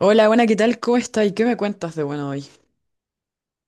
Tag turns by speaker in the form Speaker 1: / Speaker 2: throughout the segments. Speaker 1: Hola, buena, ¿qué tal? ¿Cómo estás? ¿Y qué me cuentas de bueno hoy?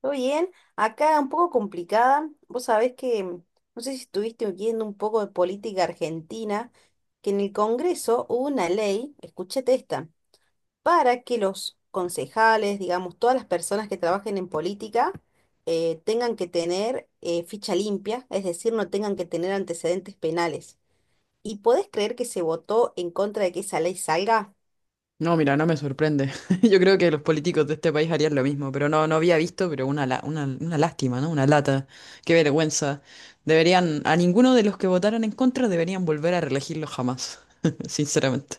Speaker 2: Todo bien, acá un poco complicada. Vos sabés que, no sé si estuviste oyendo un poco de política argentina, que en el Congreso hubo una ley, escúchate esta, para que los concejales, digamos, todas las personas que trabajen en política, tengan que tener ficha limpia, es decir, no tengan que tener antecedentes penales. ¿Y podés creer que se votó en contra de que esa ley salga?
Speaker 1: No, mira, no me sorprende. Yo creo que los políticos de este país harían lo mismo, pero no, no había visto, pero una lástima, ¿no? Una lata. Qué vergüenza. Deberían, a ninguno de los que votaron en contra deberían volver a reelegirlo jamás, sinceramente.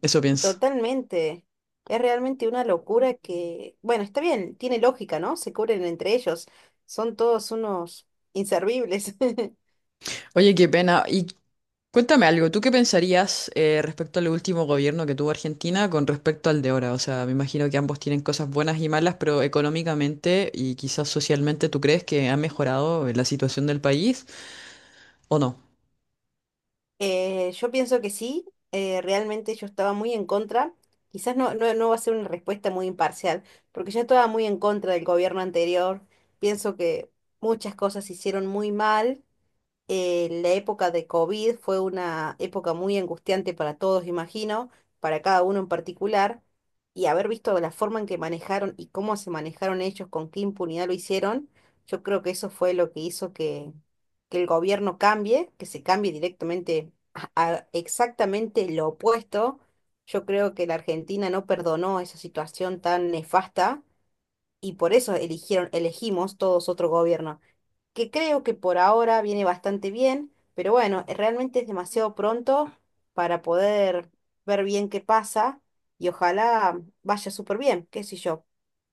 Speaker 1: Eso pienso.
Speaker 2: Totalmente. Es realmente una locura que, bueno, está bien, tiene lógica, ¿no? Se cubren entre ellos. Son todos unos inservibles.
Speaker 1: Oye, qué pena. Cuéntame algo. ¿Tú qué pensarías respecto al último gobierno que tuvo Argentina con respecto al de ahora? O sea, me imagino que ambos tienen cosas buenas y malas, pero económicamente y quizás socialmente, ¿tú crees que ha mejorado la situación del país o no?
Speaker 2: Yo pienso que sí, realmente yo estaba muy en contra. Quizás no, no, no va a ser una respuesta muy imparcial, porque yo estaba muy en contra del gobierno anterior. Pienso que muchas cosas se hicieron muy mal, la época de COVID fue una época muy angustiante para todos, imagino, para cada uno en particular, y haber visto la forma en que manejaron y cómo se manejaron ellos, con qué impunidad lo hicieron. Yo creo que eso fue lo que hizo que el gobierno cambie, que se cambie directamente a exactamente lo opuesto. Yo creo que la Argentina no perdonó esa situación tan nefasta, y por eso eligieron, elegimos todos otro gobierno que creo que por ahora viene bastante bien, pero bueno, realmente es demasiado pronto para poder ver bien qué pasa y ojalá vaya súper bien, qué sé yo.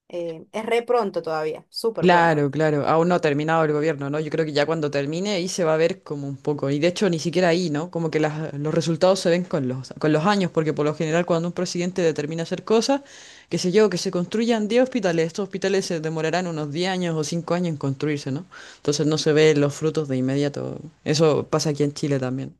Speaker 2: Es re pronto todavía, súper pronto.
Speaker 1: Claro, claro, aún no ha terminado el gobierno, ¿no? Yo creo que ya cuando termine ahí se va a ver como un poco, y de hecho ni siquiera ahí, ¿no? Como que los resultados se ven con los años, porque por lo general cuando un presidente determina hacer cosas, qué sé yo, que se construyan 10 hospitales, estos hospitales se demorarán unos 10 años o 5 años en construirse, ¿no? Entonces no se ven los frutos de inmediato. Eso pasa aquí en Chile también.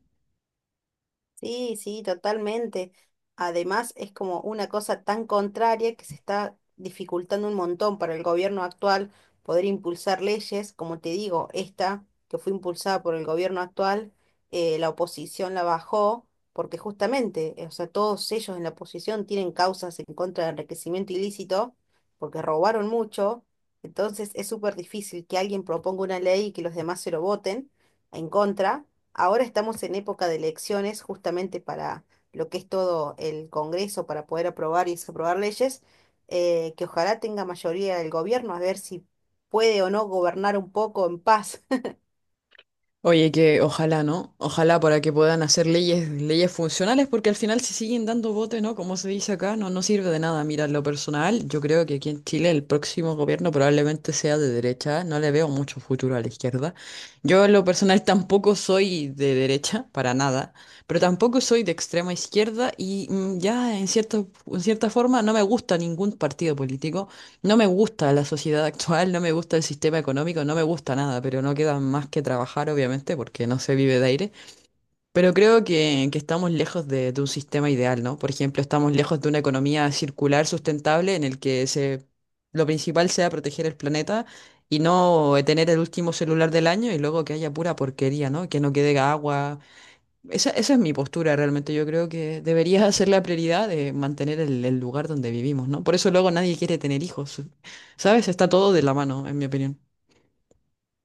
Speaker 2: Sí, sí, totalmente. Además, es como una cosa tan contraria que se está dificultando un montón para el gobierno actual poder impulsar leyes. Como te digo, esta que fue impulsada por el gobierno actual, la oposición la bajó porque justamente, o sea, todos ellos en la oposición tienen causas en contra del enriquecimiento ilícito porque robaron mucho. Entonces, es súper difícil que alguien proponga una ley y que los demás se lo voten en contra. Ahora estamos en época de elecciones, justamente para lo que es todo el Congreso, para poder aprobar y desaprobar leyes, que ojalá tenga mayoría el gobierno, a ver si puede o no gobernar un poco en paz.
Speaker 1: Oye, que ojalá, ¿no? Ojalá para que puedan hacer leyes, leyes funcionales, porque al final si siguen dando bote, ¿no? Como se dice acá, no, no sirve de nada. Mira, en lo personal, yo creo que aquí en Chile el próximo gobierno probablemente sea de derecha. No le veo mucho futuro a la izquierda. Yo en lo personal tampoco soy de derecha, para nada, pero tampoco soy de extrema izquierda y ya en cierta forma no me gusta ningún partido político. No me gusta la sociedad actual, no me gusta el sistema económico, no me gusta nada, pero no queda más que trabajar, obviamente, porque no se vive de aire. Pero creo que estamos lejos de un sistema ideal, ¿no? Por ejemplo, estamos lejos de una economía circular sustentable en el que lo principal sea proteger el planeta y no tener el último celular del año y luego que haya pura porquería, ¿no? Que no quede agua, esa es mi postura realmente. Yo creo que deberías hacer la prioridad de mantener el lugar donde vivimos, ¿no? Por eso luego nadie quiere tener hijos, ¿sabes? Está todo de la mano, en mi opinión.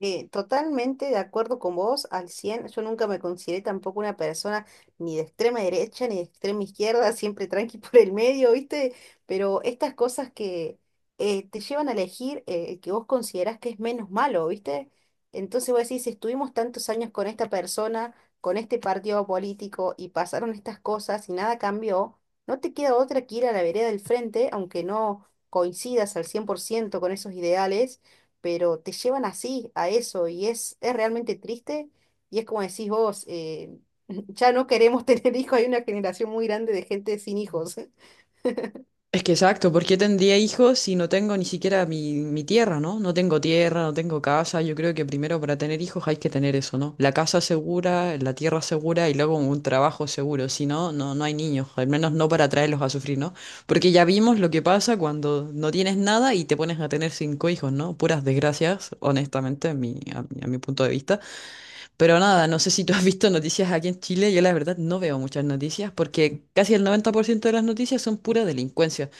Speaker 2: Totalmente de acuerdo con vos, al 100%. Yo nunca me consideré tampoco una persona ni de extrema derecha ni de extrema izquierda, siempre tranqui por el medio, ¿viste? Pero estas cosas que te llevan a elegir el que vos considerás que es menos malo, ¿viste? Entonces vos decís, si estuvimos tantos años con esta persona, con este partido político y pasaron estas cosas y nada cambió, no te queda otra que ir a la vereda del frente, aunque no coincidas al 100% con esos ideales, pero te llevan así, a eso, y es realmente triste, y es como decís vos, ya no queremos tener hijos, hay una generación muy grande de gente sin hijos.
Speaker 1: Es que exacto, ¿por qué tendría hijos si no tengo ni siquiera mi tierra, ¿no? No tengo tierra, no tengo casa. Yo creo que primero para tener hijos hay que tener eso, ¿no? La casa segura, la tierra segura y luego un trabajo seguro. Si no, no, no hay niños, al menos no para traerlos a sufrir, ¿no? Porque ya vimos lo que pasa cuando no tienes nada y te pones a tener cinco hijos, ¿no? Puras desgracias, honestamente, a mi punto de vista. Pero nada, no sé si tú has visto noticias aquí en Chile. Yo la verdad no veo muchas noticias porque casi el 90% de las noticias son pura delincuencia.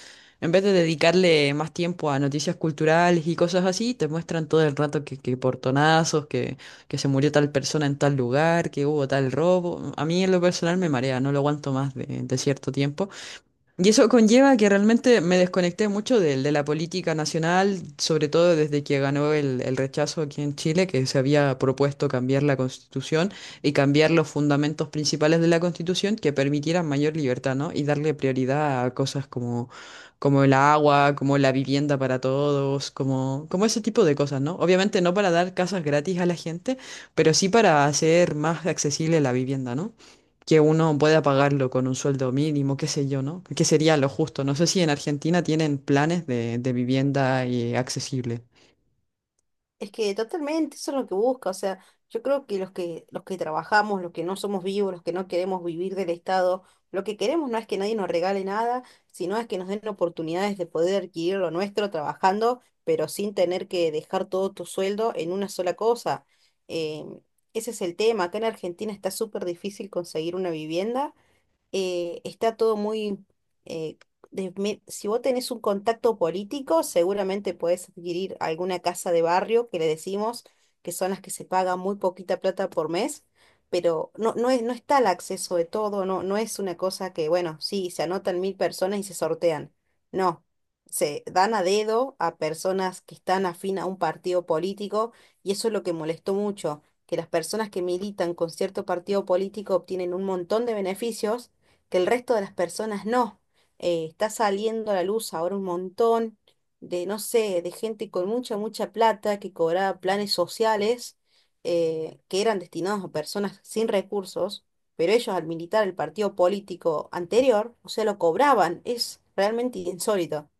Speaker 1: En vez de dedicarle más tiempo a noticias culturales y cosas así, te muestran todo el rato que portonazos, que se murió tal persona en tal lugar, que hubo tal robo. A mí en lo personal me marea, no lo aguanto más de cierto tiempo. Y eso conlleva que realmente me desconecté mucho de la política nacional, sobre todo desde que ganó el rechazo aquí en Chile, que se había propuesto cambiar la Constitución y cambiar los fundamentos principales de la Constitución que permitieran mayor libertad, ¿no? Y darle prioridad a cosas como, como el agua, como la vivienda para todos, como, como ese tipo de cosas, ¿no? Obviamente no para dar casas gratis a la gente, pero sí para hacer más accesible la vivienda, ¿no? Que uno pueda pagarlo con un sueldo mínimo, qué sé yo, ¿no? Que sería lo justo. No sé si en Argentina tienen planes de vivienda accesible.
Speaker 2: Es que totalmente, eso es lo que busca. O sea, yo creo que los que trabajamos, los que no somos vivos, los que no queremos vivir del Estado, lo que queremos no es que nadie nos regale nada, sino es que nos den oportunidades de poder adquirir lo nuestro trabajando, pero sin tener que dejar todo tu sueldo en una sola cosa. Em, Ese es el tema. Acá en Argentina está súper difícil conseguir una vivienda, está todo muy... eh, si vos tenés un contacto político, seguramente podés adquirir alguna casa de barrio que le decimos, que son las que se paga muy poquita plata por mes, pero no, no es, no está el acceso de todo, no, no es una cosa que, bueno, sí, se anotan 1.000 personas y se sortean. No, se dan a dedo a personas que están afín a un partido político, y eso es lo que molestó mucho, que las personas que militan con cierto partido político obtienen un montón de beneficios que el resto de las personas no. Está saliendo a la luz ahora un montón de, no sé, de gente con mucha, mucha plata que cobraba planes sociales, que eran destinados a personas sin recursos, pero ellos al militar el partido político anterior, o sea, lo cobraban. Es realmente insólito.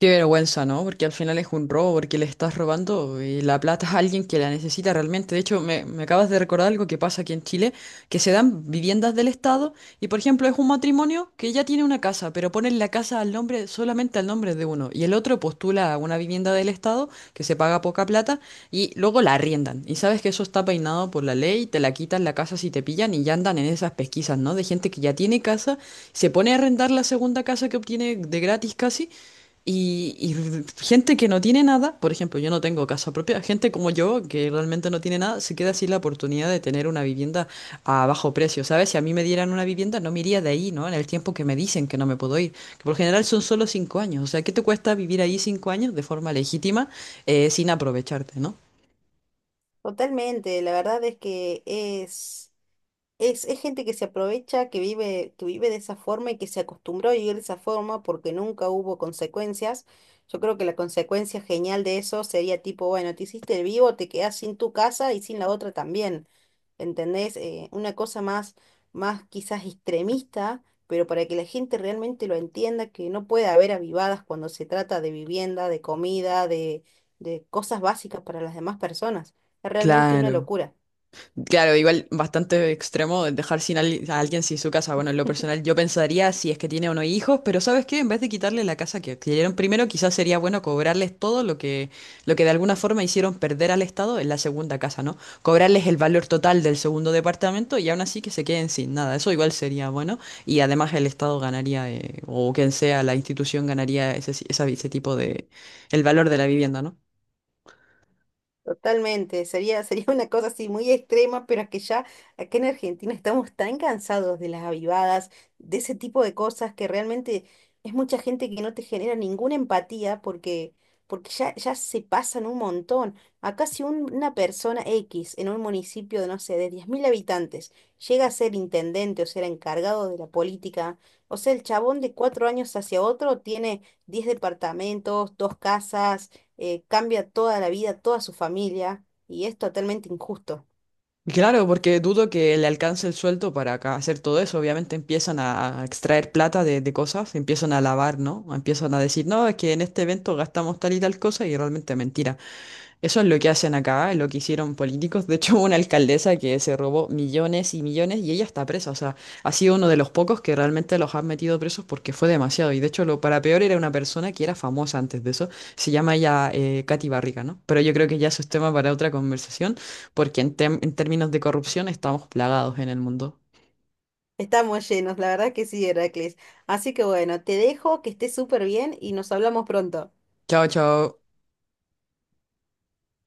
Speaker 1: Qué vergüenza, ¿no? Porque al final es un robo, porque le estás robando y la plata a alguien que la necesita realmente. De hecho, me acabas de recordar algo que pasa aquí en Chile, que se dan viviendas del Estado y, por ejemplo, es un matrimonio que ya tiene una casa, pero ponen la casa al nombre, solamente al nombre de uno, y el otro postula a una vivienda del Estado que se paga poca plata y luego la arriendan. Y sabes que eso está peinado por la ley, te la quitan la casa si te pillan y ya andan en esas pesquisas, ¿no? De gente que ya tiene casa, se pone a arrendar la segunda casa que obtiene de gratis casi. Y gente que no tiene nada, por ejemplo, yo no tengo casa propia, gente como yo que realmente no tiene nada, se queda sin la oportunidad de tener una vivienda a bajo precio, ¿sabes? Si a mí me dieran una vivienda, no me iría de ahí, ¿no? En el tiempo que me dicen que no me puedo ir, que por lo general son solo 5 años, o sea, ¿qué te cuesta vivir ahí 5 años de forma legítima sin aprovecharte, ¿no?
Speaker 2: Totalmente, la verdad es que es... Es gente que se aprovecha, que vive de esa forma y que se acostumbró a vivir de esa forma porque nunca hubo consecuencias. Yo creo que la consecuencia genial de eso sería tipo, bueno, te hiciste el vivo, te quedás sin tu casa y sin la otra también. ¿Entendés? Una cosa más, más quizás extremista, pero para que la gente realmente lo entienda, que no puede haber avivadas cuando se trata de vivienda, de comida, de cosas básicas para las demás personas. Es realmente una
Speaker 1: Claro.
Speaker 2: locura.
Speaker 1: Claro, igual bastante extremo el dejar sin a alguien sin su casa. Bueno, en lo personal yo pensaría si es que tiene o no hijos, pero ¿sabes qué? En vez de quitarle la casa que adquirieron primero, quizás sería bueno cobrarles todo lo que de alguna forma hicieron perder al Estado en la segunda casa, ¿no? Cobrarles el valor total del segundo departamento y aún así que se queden sin nada. Eso igual sería bueno y además el Estado ganaría, o quien sea la institución ganaría ese, esa- ese tipo de, el valor de la vivienda, ¿no?
Speaker 2: Totalmente, sería, sería una cosa así muy extrema, pero es que ya acá en Argentina estamos tan cansados de las avivadas, de ese tipo de cosas que realmente es mucha gente que no te genera ninguna empatía porque ya, ya se pasan un montón. Acá si una persona X en un municipio de, no sé, de 10.000 habitantes llega a ser intendente o ser encargado de la política, o sea, el chabón de 4 años hacia otro tiene 10 departamentos, dos casas, cambia toda la vida, toda su familia, y es totalmente injusto.
Speaker 1: Claro, porque dudo que le alcance el sueldo para hacer todo eso. Obviamente empiezan a extraer plata de cosas, empiezan a lavar, ¿no? Empiezan a decir, no, es que en este evento gastamos tal y tal cosa y realmente mentira. Eso es lo que hacen acá, lo que hicieron políticos. De hecho, hubo una alcaldesa que se robó millones y millones y ella está presa. O sea, ha sido uno de los pocos que realmente los han metido presos porque fue demasiado. Y de hecho, lo para peor era una persona que era famosa antes de eso. Se llama ella Katy Barriga, ¿no? Pero yo creo que ya eso es tema para otra conversación porque en, en términos de corrupción estamos plagados en el mundo.
Speaker 2: Estamos llenos, la verdad que sí, Heracles. Así que bueno, te dejo, que estés súper bien y nos hablamos pronto.
Speaker 1: Chao, chao.